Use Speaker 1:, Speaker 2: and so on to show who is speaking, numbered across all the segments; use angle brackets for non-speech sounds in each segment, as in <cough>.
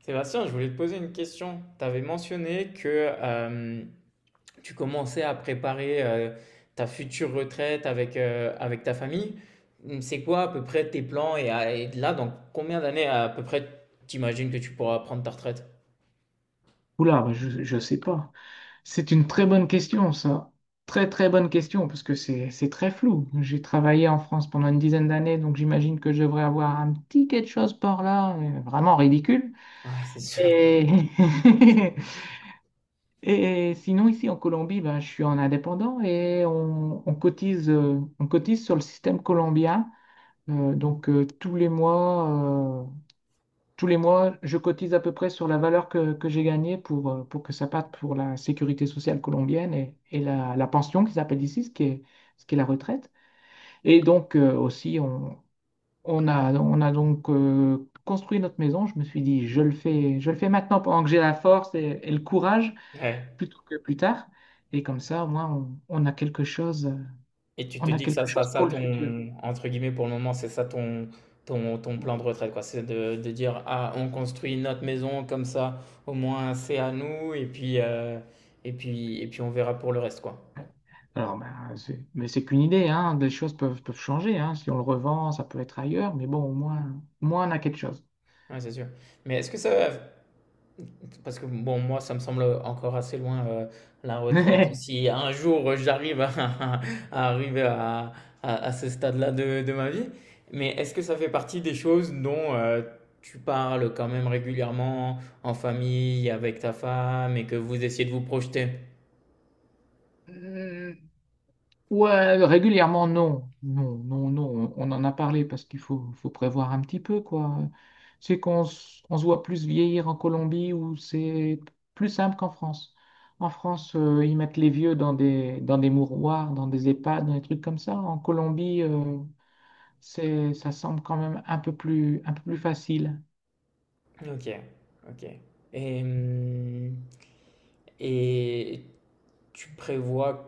Speaker 1: Sébastien, je voulais te poser une question. Tu avais mentionné que euh, tu commençais à préparer ta future retraite avec, avec ta famille. C'est quoi à peu près tes plans et là, dans combien d'années à peu près t'imagines que tu pourras prendre ta retraite?
Speaker 2: Oula, bah, je ne sais pas. C'est une très bonne question, ça. Très, très bonne question, parce que c'est très flou. J'ai travaillé en France pendant une 10aine d'années, donc j'imagine que je devrais avoir un petit quelque chose par là, vraiment ridicule.
Speaker 1: Ouais, c'est sûr.
Speaker 2: Et, <laughs> et sinon, ici en Colombie, bah, je suis en indépendant et on cotise, on cotise sur le système colombien. Donc tous les mois, je cotise à peu près sur la valeur que j'ai gagnée pour que ça parte pour la sécurité sociale colombienne et, et la pension qu'ils appellent ici, ce qui est la retraite. Et donc aussi, on a donc construit notre maison. Je me suis dit, je le fais maintenant pendant que j'ai la force et le courage,
Speaker 1: Ouais.
Speaker 2: plutôt que plus tard. Et comme ça, au moins, on a quelque chose,
Speaker 1: Et tu te
Speaker 2: on a
Speaker 1: dis que ça
Speaker 2: quelque
Speaker 1: sera
Speaker 2: chose
Speaker 1: ça
Speaker 2: pour le futur.
Speaker 1: entre guillemets, pour le moment, c'est ça ton plan de retraite, quoi. C'est de dire, ah, on construit notre maison comme ça, au moins c'est à nous, et puis, et puis, et puis on verra pour le reste, quoi.
Speaker 2: Alors, ben, mais c'est qu'une idée, hein. Les choses peuvent changer, hein. Si on le revend, ça peut être ailleurs, mais bon, au moins on a quelque chose.
Speaker 1: Ouais, c'est sûr. Mais parce que bon, moi, ça me semble encore assez loin la retraite.
Speaker 2: <laughs>
Speaker 1: Si un jour j'arrive à, <laughs> à arriver à, à ce stade-là de ma vie, mais est-ce que ça fait partie des choses dont tu parles quand même régulièrement en famille, avec ta femme, et que vous essayez de vous projeter?
Speaker 2: Euh, Ouais, régulièrement, non. Non, non, non. On en a parlé parce qu'faut prévoir un petit peu, quoi. C'est qu'on s- on se voit plus vieillir en Colombie où c'est plus simple qu'en France. En France, ils mettent les vieux dans dans des mouroirs, dans des EHPAD, dans des trucs comme ça. En Colombie, c'est, ça semble quand même un peu plus facile.
Speaker 1: Ok, ok. Et, hum, et tu prévois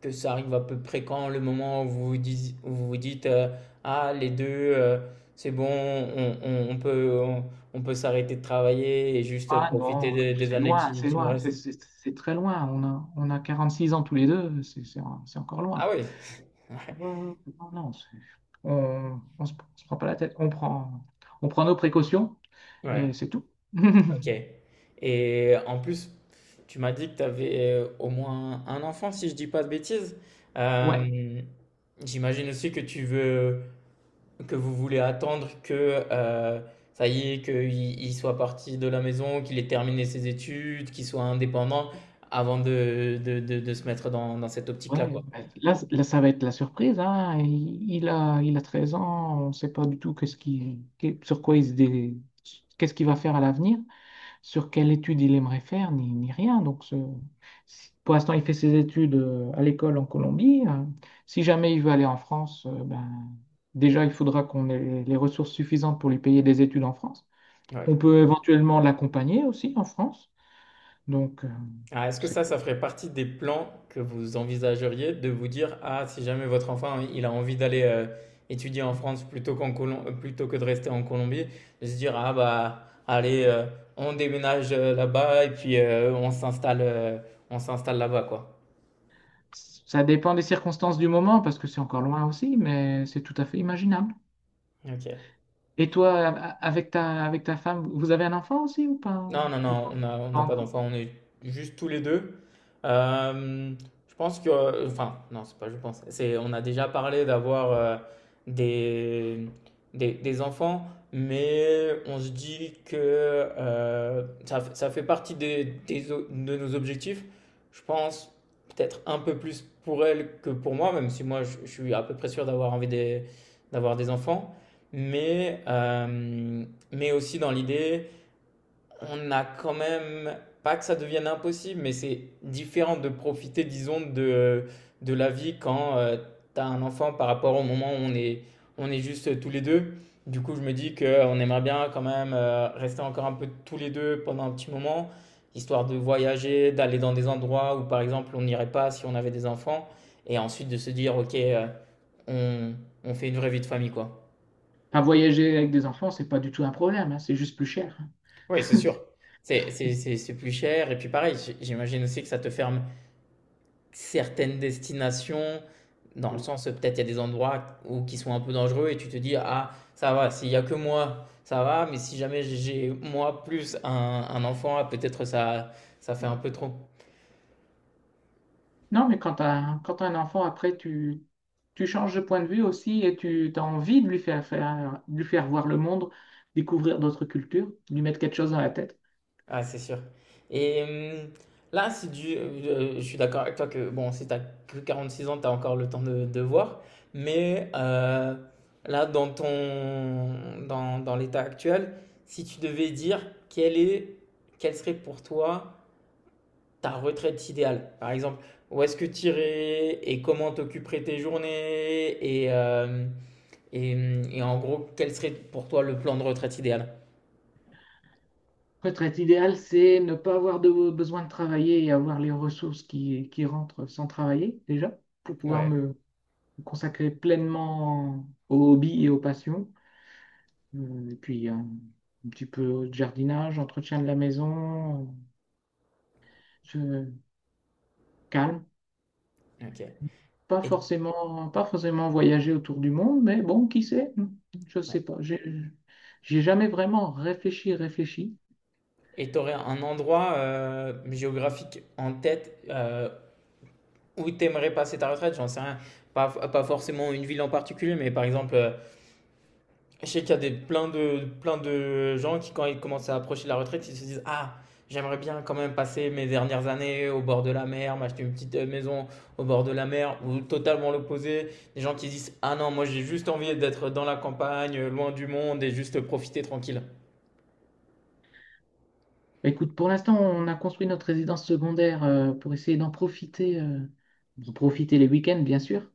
Speaker 1: que ça arrive à peu près quand le moment où vous vous dites, où vous vous dites, ah les deux c'est bon on peut on peut s'arrêter de travailler et juste
Speaker 2: Ah
Speaker 1: profiter
Speaker 2: non,
Speaker 1: des
Speaker 2: c'est
Speaker 1: années
Speaker 2: loin, c'est
Speaker 1: qui nous
Speaker 2: loin,
Speaker 1: restent.
Speaker 2: c'est très loin. On a 46 ans tous les deux, c'est encore
Speaker 1: Ah
Speaker 2: loin.
Speaker 1: oui,
Speaker 2: Euh, non, non, on se prend pas la tête, on prend nos précautions
Speaker 1: ouais,
Speaker 2: et c'est tout.
Speaker 1: ok.
Speaker 2: <laughs>
Speaker 1: Et en plus tu m'as dit que tu avais au moins un enfant si je dis pas de bêtises.
Speaker 2: Ouais,
Speaker 1: Euh, J'imagine aussi que tu veux. Que vous voulez attendre que euh, ça y est, qu'il il soit parti de la maison, qu'il ait terminé ses études, qu'il soit indépendant avant de se mettre dans, dans cette
Speaker 2: ouais.
Speaker 1: optique-là, quoi.
Speaker 2: Mais là, là, ça va être la surprise, hein. Il a 13 ans, on ne sait pas du tout qu'est-ce qu'il va faire à l'avenir. Sur quelle étude il aimerait faire, ni rien. Donc, pour l'instant, il fait ses études à l'école en Colombie. Si jamais il veut aller en France, ben, déjà, il faudra qu'on ait les ressources suffisantes pour lui payer des études en France. On
Speaker 1: Ouais.
Speaker 2: peut éventuellement l'accompagner aussi en France. Donc,
Speaker 1: Ah, est-ce que ça,
Speaker 2: c'est-
Speaker 1: ça ferait partie des plans que vous envisageriez de vous dire, ah, si jamais votre enfant, il a envie d'aller étudier en France plutôt plutôt que de rester en Colombie, de se dire, ah, bah, allez, on déménage là-bas et puis on s'installe là-bas, quoi.
Speaker 2: ça dépend des circonstances du moment, parce que c'est encore loin aussi, mais c'est tout à fait imaginable.
Speaker 1: Ok.
Speaker 2: Et toi, avec avec ta femme, vous avez un enfant aussi ou pas?
Speaker 1: Non, non,
Speaker 2: Ou
Speaker 1: non, on n'a
Speaker 2: pas
Speaker 1: pas
Speaker 2: encore.
Speaker 1: d'enfant, on est juste tous les deux. Euh, je pense que, enfin, non, c'est pas je pense, c'est, on a déjà parlé d'avoir des, des enfants, mais on se dit que ça, ça fait partie des, de nos objectifs. Je pense peut-être un peu plus pour elle que pour moi, même si moi je suis à peu près sûr d'avoir envie d'avoir des enfants, mais, euh, mais aussi dans l'idée on a quand même, pas que ça devienne impossible, mais c'est différent de profiter, disons, de la vie quand t'as un enfant par rapport au moment où on est juste tous les deux. Du coup, je me dis qu'on aimerait bien quand même rester encore un peu tous les deux pendant un petit moment, histoire de voyager, d'aller dans des endroits où, par exemple, on n'irait pas si on avait des enfants, et ensuite de se dire, OK, on, on fait une vraie vie de famille, quoi.
Speaker 2: Enfin, voyager avec des enfants, c'est pas du tout un problème, hein, c'est juste plus cher, hein.
Speaker 1: Oui, c'est sûr. C'est plus cher, et puis pareil, j'imagine aussi que ça te ferme certaines destinations, dans le sens, peut-être il y a des endroits où, qui sont un peu dangereux et tu te dis, ah, ça va, s'il y a que moi, ça va, mais si jamais j'ai moi plus un enfant, ah, peut-être ça, ça fait un peu trop.
Speaker 2: Non, mais quand t'as un enfant, après, tu changes de point de vue aussi et tu as envie de de lui faire voir le monde, découvrir d'autres cultures, lui mettre quelque chose dans la tête.
Speaker 1: Ah, c'est sûr. Et là, si du, je suis d'accord avec toi que, bon, si t'as que 46 ans, t'as encore le temps de voir, mais là, dans ton, dans, dans l'état actuel, si tu devais dire quel est, quel serait pour toi ta retraite idéale, par exemple, où est-ce que tu irais et comment t'occuperais tes journées et, et en gros, quel serait pour toi le plan de retraite idéal?
Speaker 2: Retraite idéale, c'est ne pas avoir de, besoin de travailler et avoir les ressources qui rentrent sans travailler, déjà, pour pouvoir
Speaker 1: Ouais,
Speaker 2: me consacrer pleinement aux hobbies et aux passions. Et puis, un petit peu de jardinage, entretien de la maison, Je- calme.
Speaker 1: ok. Et
Speaker 2: Pas forcément voyager autour du monde, mais bon, qui sait, hein? Je ne sais pas. J'ai jamais vraiment réfléchi.
Speaker 1: et tu aurais un endroit géographique en tête où tu aimerais passer ta retraite, j'en sais rien. Pas forcément une ville en particulier, mais par exemple, je sais qu'il y a des, plein de gens qui, quand ils commencent à approcher la retraite, ils se disent, ah, j'aimerais bien quand même passer mes dernières années au bord de la mer, m'acheter une petite maison au bord de la mer, ou totalement l'opposé. Des gens qui disent, ah non, moi j'ai juste envie d'être dans la campagne, loin du monde et juste profiter tranquille.
Speaker 2: Bah, écoute, pour l'instant, on a construit notre résidence secondaire pour essayer d'en profiter les week-ends, bien sûr.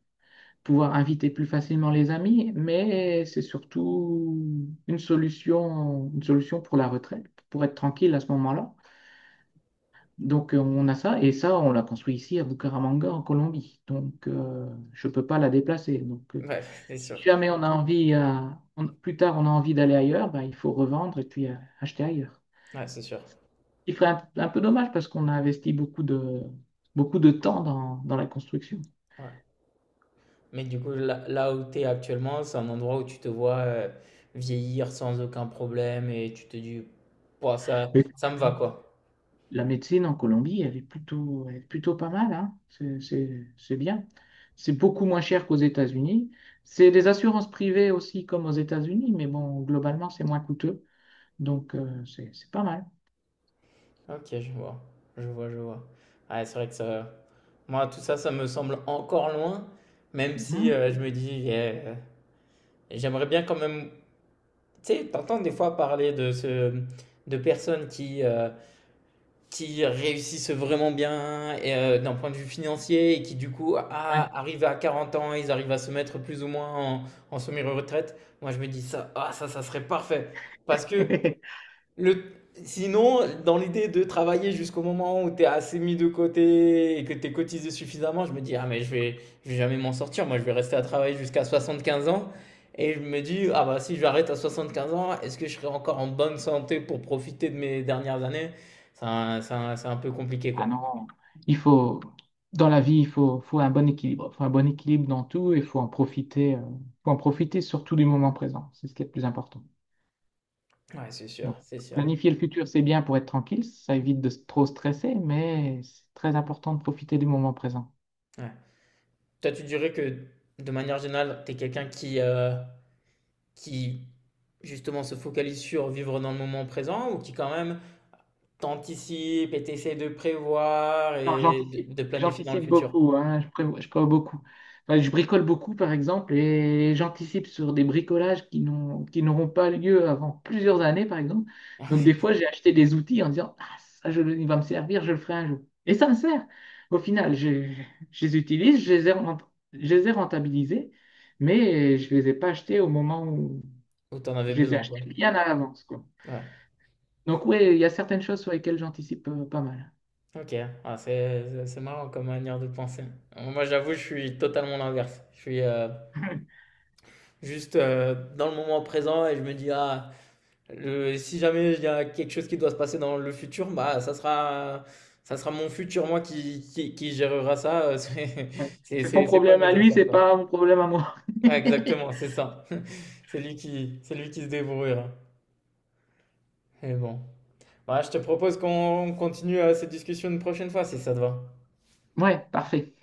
Speaker 2: Pouvoir inviter plus facilement les amis, mais c'est surtout une solution pour la retraite, pour être tranquille à ce moment-là. Donc on a ça, et ça, on l'a construit ici à Bucaramanga, en Colombie. Donc je ne peux pas la déplacer. Donc
Speaker 1: Ouais, <laughs> c'est sûr.
Speaker 2: si jamais on a envie, plus tard on a envie d'aller ailleurs, bah, il faut revendre et puis acheter ailleurs.
Speaker 1: Ouais, c'est sûr.
Speaker 2: Ce qui ferait un peu dommage parce qu'on a investi beaucoup de temps dans la construction.
Speaker 1: Ouais. Mais du coup, là, là où tu es actuellement, c'est un endroit où tu te vois vieillir sans aucun problème et tu te dis, pouah, ça,
Speaker 2: Oui.
Speaker 1: ça me va quoi.
Speaker 2: La médecine en Colombie, elle est plutôt pas mal, hein. C'est bien. C'est beaucoup moins cher qu'aux États-Unis. C'est des assurances privées aussi, comme aux États-Unis, mais bon, globalement, c'est moins coûteux. Donc, c'est pas mal.
Speaker 1: OK, je vois. Je vois, je vois. Ouais, c'est vrai que ça moi, tout ça, ça me semble encore loin, même si
Speaker 2: Mhm.
Speaker 1: je me dis, eh, j'aimerais bien quand même. Tu sais, t'entends des fois parler de personnes qui réussissent vraiment bien et, d'un point de vue financier et qui, du coup, ah,
Speaker 2: Ouais.
Speaker 1: arrivent à 40 ans, ils arrivent à se mettre plus ou moins en, en semi-retraite. Moi, je me dis, ça, ah, ça serait parfait. Parce que
Speaker 2: <laughs>
Speaker 1: le... Sinon, dans l'idée de travailler jusqu'au moment où tu es assez mis de côté et que tu es cotisé suffisamment, je me dis, ah mais je vais jamais m'en sortir, moi je vais rester à travailler jusqu'à 75 ans. Et je me dis, ah bah si j'arrête à 75 ans, est-ce que je serai encore en bonne santé pour profiter de mes dernières années? C'est un peu compliqué
Speaker 2: Ah
Speaker 1: quoi.
Speaker 2: non, il faut, dans la vie, faut un bon équilibre. Il faut un bon équilibre dans tout et il faut en profiter surtout du moment présent. C'est ce qui est le plus important.
Speaker 1: Ouais, c'est sûr,
Speaker 2: Donc,
Speaker 1: c'est sûr.
Speaker 2: planifier le futur, c'est bien pour être tranquille, ça évite de trop stresser, mais c'est très important de profiter du moment présent.
Speaker 1: Ouais. Toi, tu dirais que de manière générale, tu es quelqu'un qui justement se focalise sur vivre dans le moment présent ou qui quand même t'anticipes et t'essayes de prévoir
Speaker 2: Non,
Speaker 1: et de planifier dans le
Speaker 2: j'anticipe
Speaker 1: futur
Speaker 2: beaucoup, hein, je prévois beaucoup. Enfin, je bricole beaucoup, par exemple, et j'anticipe sur des bricolages qui n'auront pas lieu avant plusieurs années, par exemple. Donc, des fois, j'ai acheté des outils en disant, ah, il va me servir, je le ferai un jour. Et ça me sert. Au final, je les utilise, je les ai rentabilisés mais je ne les ai pas achetés au moment où,
Speaker 1: où t'en avais
Speaker 2: je les ai
Speaker 1: besoin,
Speaker 2: achetés
Speaker 1: quoi.
Speaker 2: bien à l'avance, quoi.
Speaker 1: Ouais,
Speaker 2: Donc oui, il y a certaines choses sur lesquelles j'anticipe pas mal.
Speaker 1: ok. Ah, c'est marrant comme manière de penser. Moi, j'avoue, je suis totalement l'inverse. Je suis
Speaker 2: <laughs>
Speaker 1: juste dans le moment présent et je me dis, ah, si jamais il y a quelque chose qui doit se passer dans le futur, bah, ça sera mon futur, moi, qui gérera ça. <laughs>
Speaker 2: Ouais. C'est son
Speaker 1: C'est pas
Speaker 2: problème à
Speaker 1: mes
Speaker 2: lui,
Speaker 1: affaires,
Speaker 2: c'est
Speaker 1: quoi.
Speaker 2: pas mon problème à moi.
Speaker 1: Ouais,
Speaker 2: <laughs>
Speaker 1: exactement, c'est ça. <laughs> C'est lui qui se débrouillera. Mais bon. Ouais, je te propose qu'on continue cette discussion une prochaine fois si ça te va.
Speaker 2: Ouais, parfait.